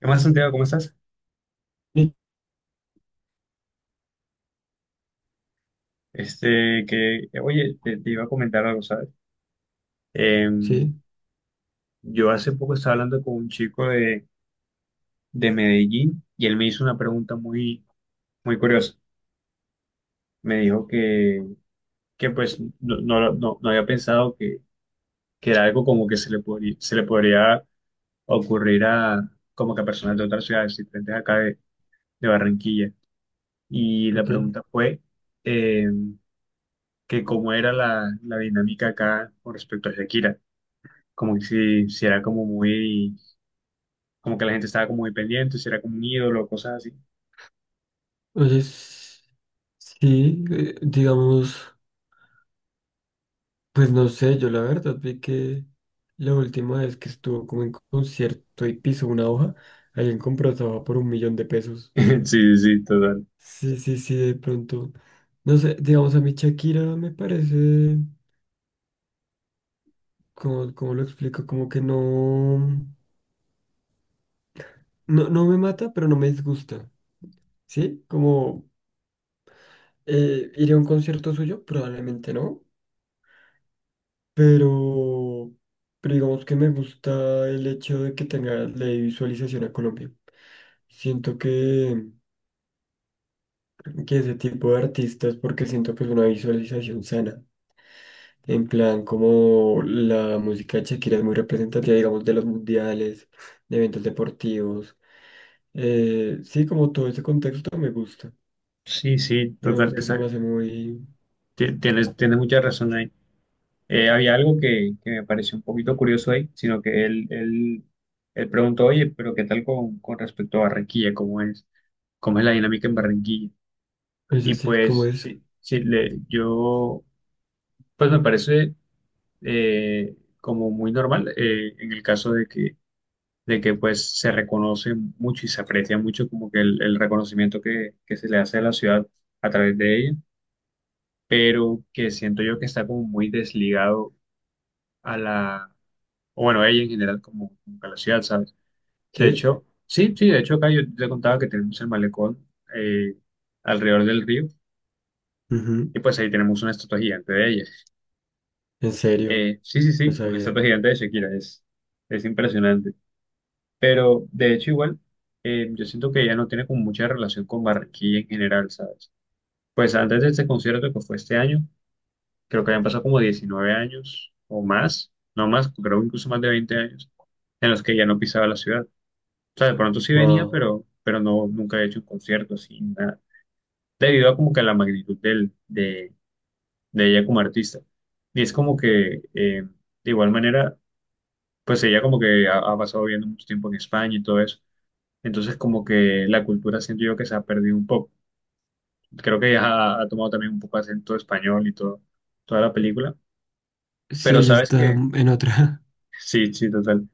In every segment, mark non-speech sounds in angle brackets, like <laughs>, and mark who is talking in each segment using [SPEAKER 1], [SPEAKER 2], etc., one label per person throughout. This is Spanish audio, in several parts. [SPEAKER 1] ¿Qué más, Santiago? ¿Cómo estás?
[SPEAKER 2] Sí,
[SPEAKER 1] Oye, te iba a comentar algo, ¿sabes? Em,
[SPEAKER 2] sí,
[SPEAKER 1] yo hace poco estaba hablando con un chico de Medellín y él me hizo una pregunta muy curiosa. Me dijo que pues, no, no, no, no había pensado que era algo como que se le podría ocurrir a, como que a personas de otras ciudades diferentes acá de Barranquilla. Y
[SPEAKER 2] creo
[SPEAKER 1] la
[SPEAKER 2] que.
[SPEAKER 1] pregunta fue, em, que cómo era la dinámica acá con respecto a Shakira. Como que si era como muy, como que la gente estaba como muy pendiente, si era como un ídolo, cosas así.
[SPEAKER 2] Entonces, sí, digamos, pues no sé, yo la verdad vi que la última vez que estuvo como en concierto y pisó una hoja, alguien compró esa hoja por un millón de
[SPEAKER 1] <laughs>
[SPEAKER 2] pesos.
[SPEAKER 1] Sí, sí, sí, total.
[SPEAKER 2] Sí, sí, sí, de pronto. No sé, digamos, a mí Shakira me parece, como, como lo explico, como que no, no, no me mata, pero no me disgusta. ¿Sí? Como iré a un concierto suyo, probablemente no. Pero, digamos que me gusta el hecho de que tenga la visualización a Colombia. Siento que, ese tipo de artistas, porque siento que es una visualización sana. En plan, como la música de Shakira es muy representativa, digamos, de los mundiales, de eventos deportivos. Sí, como todo ese contexto me gusta.
[SPEAKER 1] Sí, sí,
[SPEAKER 2] Digamos
[SPEAKER 1] total.
[SPEAKER 2] que se me hace muy.
[SPEAKER 1] Tienes mucha razón ahí. Había algo que me pareció un poquito curioso ahí, sino que él preguntó, oye, pero ¿qué tal con respecto a Barranquilla? ¿Cómo es? ¿Cómo es la dinámica en Barranquilla? Y
[SPEAKER 2] Ese sí, sí, ¿cómo
[SPEAKER 1] pues,
[SPEAKER 2] es?
[SPEAKER 1] sí, sí, pues me parece eh, como muy normal, en el caso de que pues se reconoce mucho y se aprecia mucho como que el reconocimiento que se le hace a la ciudad a través de ella, pero que siento yo que está como muy desligado a o bueno, a ella en general como, como a la ciudad, ¿sabes? De
[SPEAKER 2] ¿Sí?
[SPEAKER 1] hecho, sí, sí, de hecho acá yo te contaba que tenemos el malecón, eh, alrededor del río,
[SPEAKER 2] Ujú.
[SPEAKER 1] y pues ahí tenemos una estatua gigante de ella.
[SPEAKER 2] En serio,
[SPEAKER 1] Sí, sí,
[SPEAKER 2] no
[SPEAKER 1] sí, una
[SPEAKER 2] sabía.
[SPEAKER 1] estatua gigante de Shakira, es impresionante. Pero de hecho igual, yo siento que ya no tiene como mucha relación con Barranquilla en general, ¿sabes? Pues antes de este concierto que fue este año, creo que habían pasado como 19 años o más, no más, creo incluso más de 20 años, en los que ya no pisaba la ciudad. O sea, de pronto sí venía,
[SPEAKER 2] Wow.
[SPEAKER 1] pero no, nunca he hecho un concierto así, nada. Debido a como que a la magnitud de ella como artista. Y es como que, de igual manera, pues ella como que ha pasado viviendo mucho tiempo en España y todo eso. Entonces, como que la cultura siento yo que se ha perdido un poco. Creo que ya ha tomado también un poco acento español y todo, toda la película.
[SPEAKER 2] Sí,
[SPEAKER 1] Pero
[SPEAKER 2] ella
[SPEAKER 1] sabes
[SPEAKER 2] está
[SPEAKER 1] que,
[SPEAKER 2] en otra.
[SPEAKER 1] sí, sí, total.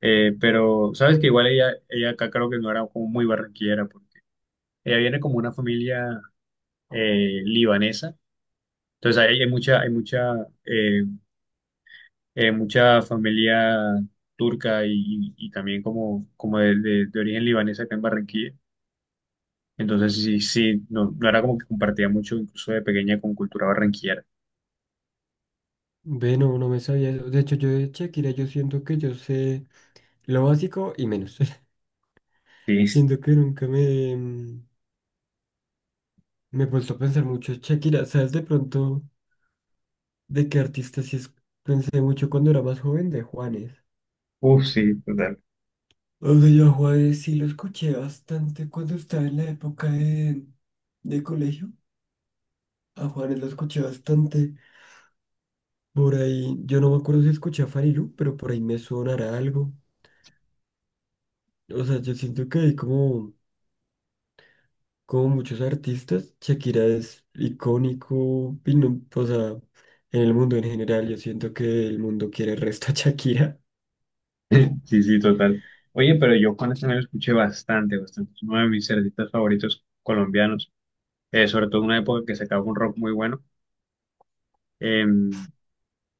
[SPEAKER 1] Pero sabes que igual ella acá creo que no era como muy barranquillera, porque ella viene como una familia libanesa. Entonces, ahí hay mucha, eh, mucha familia turca y, y también como, como de origen libanés acá en Barranquilla. Entonces, sí, sí, no, no era como que compartía mucho, incluso de pequeña, con cultura barranquillera.
[SPEAKER 2] <laughs> Ve, no, no me sabía eso. De hecho, yo de Shakira, yo siento que yo sé lo básico y menos. <laughs>
[SPEAKER 1] Sí,
[SPEAKER 2] Siento que nunca me he puesto a pensar mucho en Shakira. ¿Sabes de pronto de qué artista sí es? Pensé mucho cuando era más joven de Juanes.
[SPEAKER 1] uff, sí, total.
[SPEAKER 2] O sea, yo a Juanes sí lo escuché bastante cuando estaba en la época de colegio. A Juanes lo escuché bastante. Por ahí, yo no me acuerdo si escuché a Farilu, pero por ahí me sonará algo. O sea, yo siento que hay como muchos artistas, Shakira es icónico, y o sea, en el mundo en general, yo siento que el mundo quiere el resto a Shakira. <laughs>
[SPEAKER 1] <laughs> Sí, sí, total. Oye, pero yo Juan Esteban lo escuché bastante, bastante. Es uno de mis artistas favoritos colombianos, sobre todo en una época que sacaba un rock muy bueno. Eh,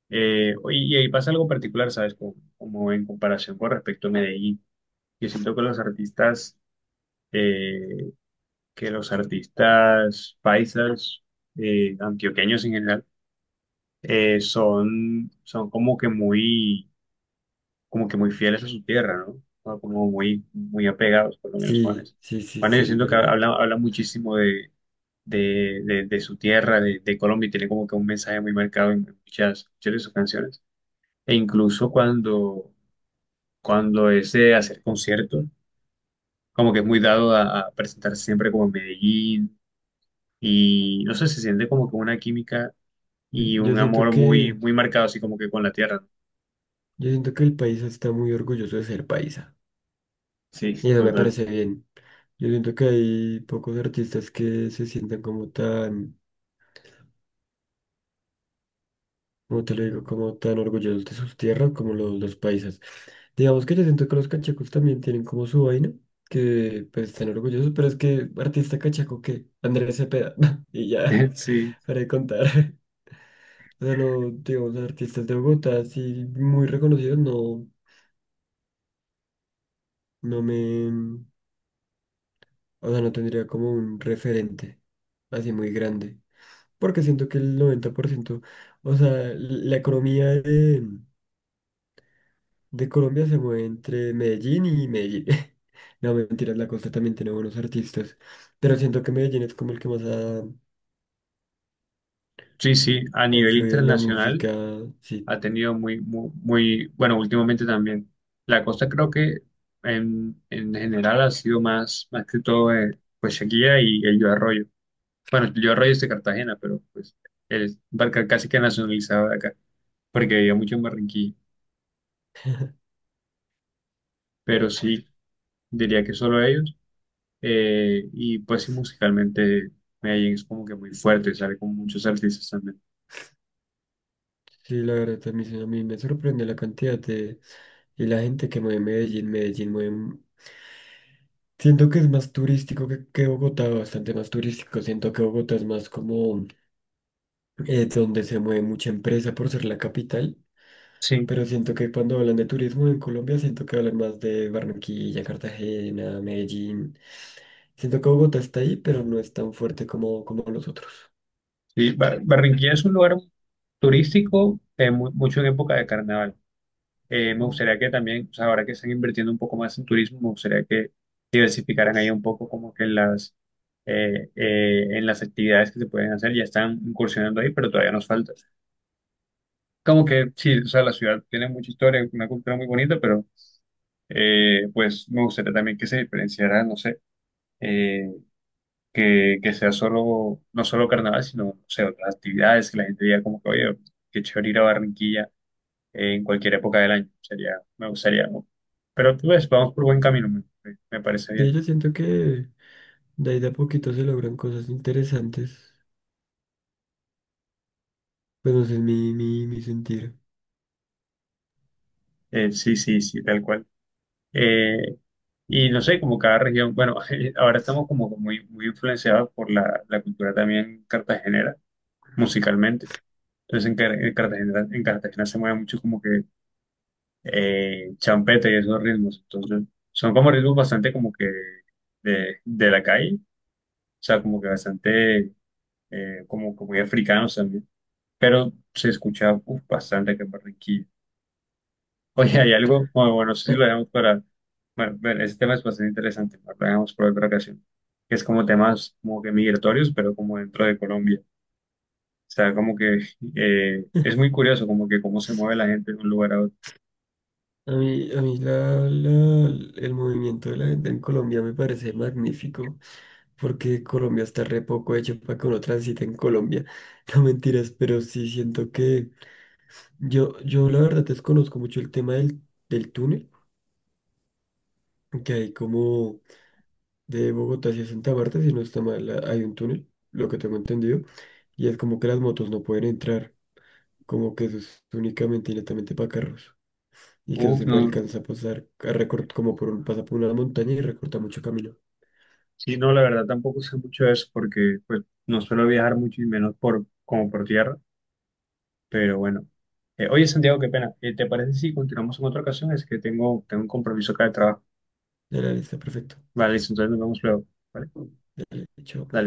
[SPEAKER 1] Oye, y ahí pasa algo particular, ¿sabes? Como, como en comparación con respecto a Medellín. Yo siento eh, que los artistas paisas, antioqueños en general, son como que muy fieles a su tierra, ¿no? O como muy, muy apegados, por lo menos
[SPEAKER 2] Sí,
[SPEAKER 1] Juanes.
[SPEAKER 2] sí, sí,
[SPEAKER 1] Juanes, yo
[SPEAKER 2] sí, es
[SPEAKER 1] siento que
[SPEAKER 2] verdad.
[SPEAKER 1] habla, habla muchísimo de su tierra, de Colombia, y tiene como que un mensaje muy marcado en muchas, muchas de sus canciones. E incluso cuando es de hacer conciertos, como que es muy dado a presentarse siempre como en Medellín, y no sé, se siente como que una química y
[SPEAKER 2] Yo
[SPEAKER 1] un
[SPEAKER 2] siento
[SPEAKER 1] amor muy,
[SPEAKER 2] que,
[SPEAKER 1] muy marcado, así como que con la tierra, ¿no?
[SPEAKER 2] yo siento que el país está muy orgulloso de ser paisa,
[SPEAKER 1] Sí,
[SPEAKER 2] y eso me
[SPEAKER 1] total.
[SPEAKER 2] parece bien. Yo siento que hay pocos artistas que se sientan como tan como te lo digo, como tan orgullosos de sus tierras como los paisas. Digamos que yo siento que los cachacos también tienen como su vaina, que pues están orgullosos, pero es que artista cachaco que Andrés Cepeda, <laughs> y ya,
[SPEAKER 1] <laughs> Sí,
[SPEAKER 2] para de contar. <laughs> O sea, no, digamos, artistas de Bogotá, así muy reconocidos, no, no me, o sea, no tendría como un referente así muy grande, porque siento que el 90% o sea, la economía de Colombia se mueve entre Medellín y Medellín. <laughs> No, mentiras, la costa también tiene buenos artistas. Pero siento que Medellín es como el que más ha,
[SPEAKER 1] sí, sí, a
[SPEAKER 2] ha
[SPEAKER 1] nivel
[SPEAKER 2] influido en la
[SPEAKER 1] internacional
[SPEAKER 2] música. Sí,
[SPEAKER 1] ha tenido muy, muy, muy, bueno, últimamente también. La cosa creo que en general ha sido más, más que todo, pues Shakira y el Yo Arroyo. Bueno, el Yo Arroyo es de Cartagena, pero pues él barca casi que nacionalizado de acá, porque vivía mucho en Barranquilla. Pero sí, diría que solo ellos. Eh, y pues sí, musicalmente Medellín es como que muy fuerte, sale con muchos artistas también.
[SPEAKER 2] sí, la verdad también a mí me sorprende la cantidad de... Y la gente que mueve Medellín, Medellín mueve... Siento que es más turístico que Bogotá, bastante más turístico. Siento que Bogotá es más como... donde se mueve mucha empresa por ser la capital,
[SPEAKER 1] Sí.
[SPEAKER 2] pero siento que cuando hablan de turismo en Colombia, siento que hablan más de Barranquilla, Cartagena, Medellín. Siento que Bogotá está ahí, pero no es tan fuerte como, como los otros.
[SPEAKER 1] Sí, Barranquilla es un lugar turístico, mucho en época de carnaval. Me
[SPEAKER 2] Mm.
[SPEAKER 1] gustaría que también, o sea, ahora que están invirtiendo un poco más en turismo, me gustaría que diversificaran ahí un poco como que en las actividades que se pueden hacer. Ya están incursionando ahí, pero todavía nos falta. Como que sí, o sea, la ciudad tiene mucha historia, una cultura muy bonita, pero pues me gustaría también que se diferenciara, no sé. eh, que sea solo, no solo carnaval, sino, o sea, otras actividades, que la gente diga como que, oye, qué chévere ir a Barranquilla en cualquier época del año, sería, me gustaría, ¿no? Pero tú ves, vamos por buen camino, me parece
[SPEAKER 2] Sí,
[SPEAKER 1] bien.
[SPEAKER 2] yo siento que de ahí de a poquito se logran cosas interesantes. Pues no sé, es mi sentir.
[SPEAKER 1] Sí, sí, sí, tal cual. Eh, y no sé, como cada región, bueno, <laughs> ahora estamos como que muy, muy influenciados por la cultura también cartagenera, musicalmente. Entonces en en Cartagena se mueve mucho como que champeta y esos ritmos. Entonces, son como ritmos bastante como que de la calle, o sea, como que bastante como, como muy africanos también, pero se escucha uf, bastante que en Barranquilla. <laughs> Oye, hay algo, no sé si lo
[SPEAKER 2] <laughs>
[SPEAKER 1] dejamos para, bueno, bueno, ese tema es bastante interesante, lo dejamos para otra ocasión, que es como temas como que migratorios, pero como dentro de Colombia. O sea, como que es muy curioso, como que cómo se mueve la gente de un lugar a otro.
[SPEAKER 2] A mí la, el movimiento de la gente en Colombia me parece magnífico. Porque Colombia está re poco hecho para que uno transite en Colombia. <laughs> No mentiras, pero sí siento que yo la verdad desconozco mucho el tema del túnel, que hay como de Bogotá hacia Santa Marta, si no está mal, hay un túnel, lo que tengo entendido, y es como que las motos no pueden entrar, como que eso es únicamente y netamente para carros. Y que eso
[SPEAKER 1] Uf,
[SPEAKER 2] siempre
[SPEAKER 1] no.
[SPEAKER 2] alcanza pues, a pasar, a recortar como por un, pasa por una montaña y recorta mucho camino.
[SPEAKER 1] Sí, no, la verdad tampoco sé mucho de eso porque pues no suelo viajar mucho y menos por como por tierra, pero bueno. Oye, Santiago, qué pena. ¿Te parece si continuamos en otra ocasión? Es que tengo un compromiso acá de trabajo.
[SPEAKER 2] Dale, dale, está perfecto.
[SPEAKER 1] Vale, listo, entonces nos vemos luego. Vale,
[SPEAKER 2] Dale, chao.
[SPEAKER 1] dale.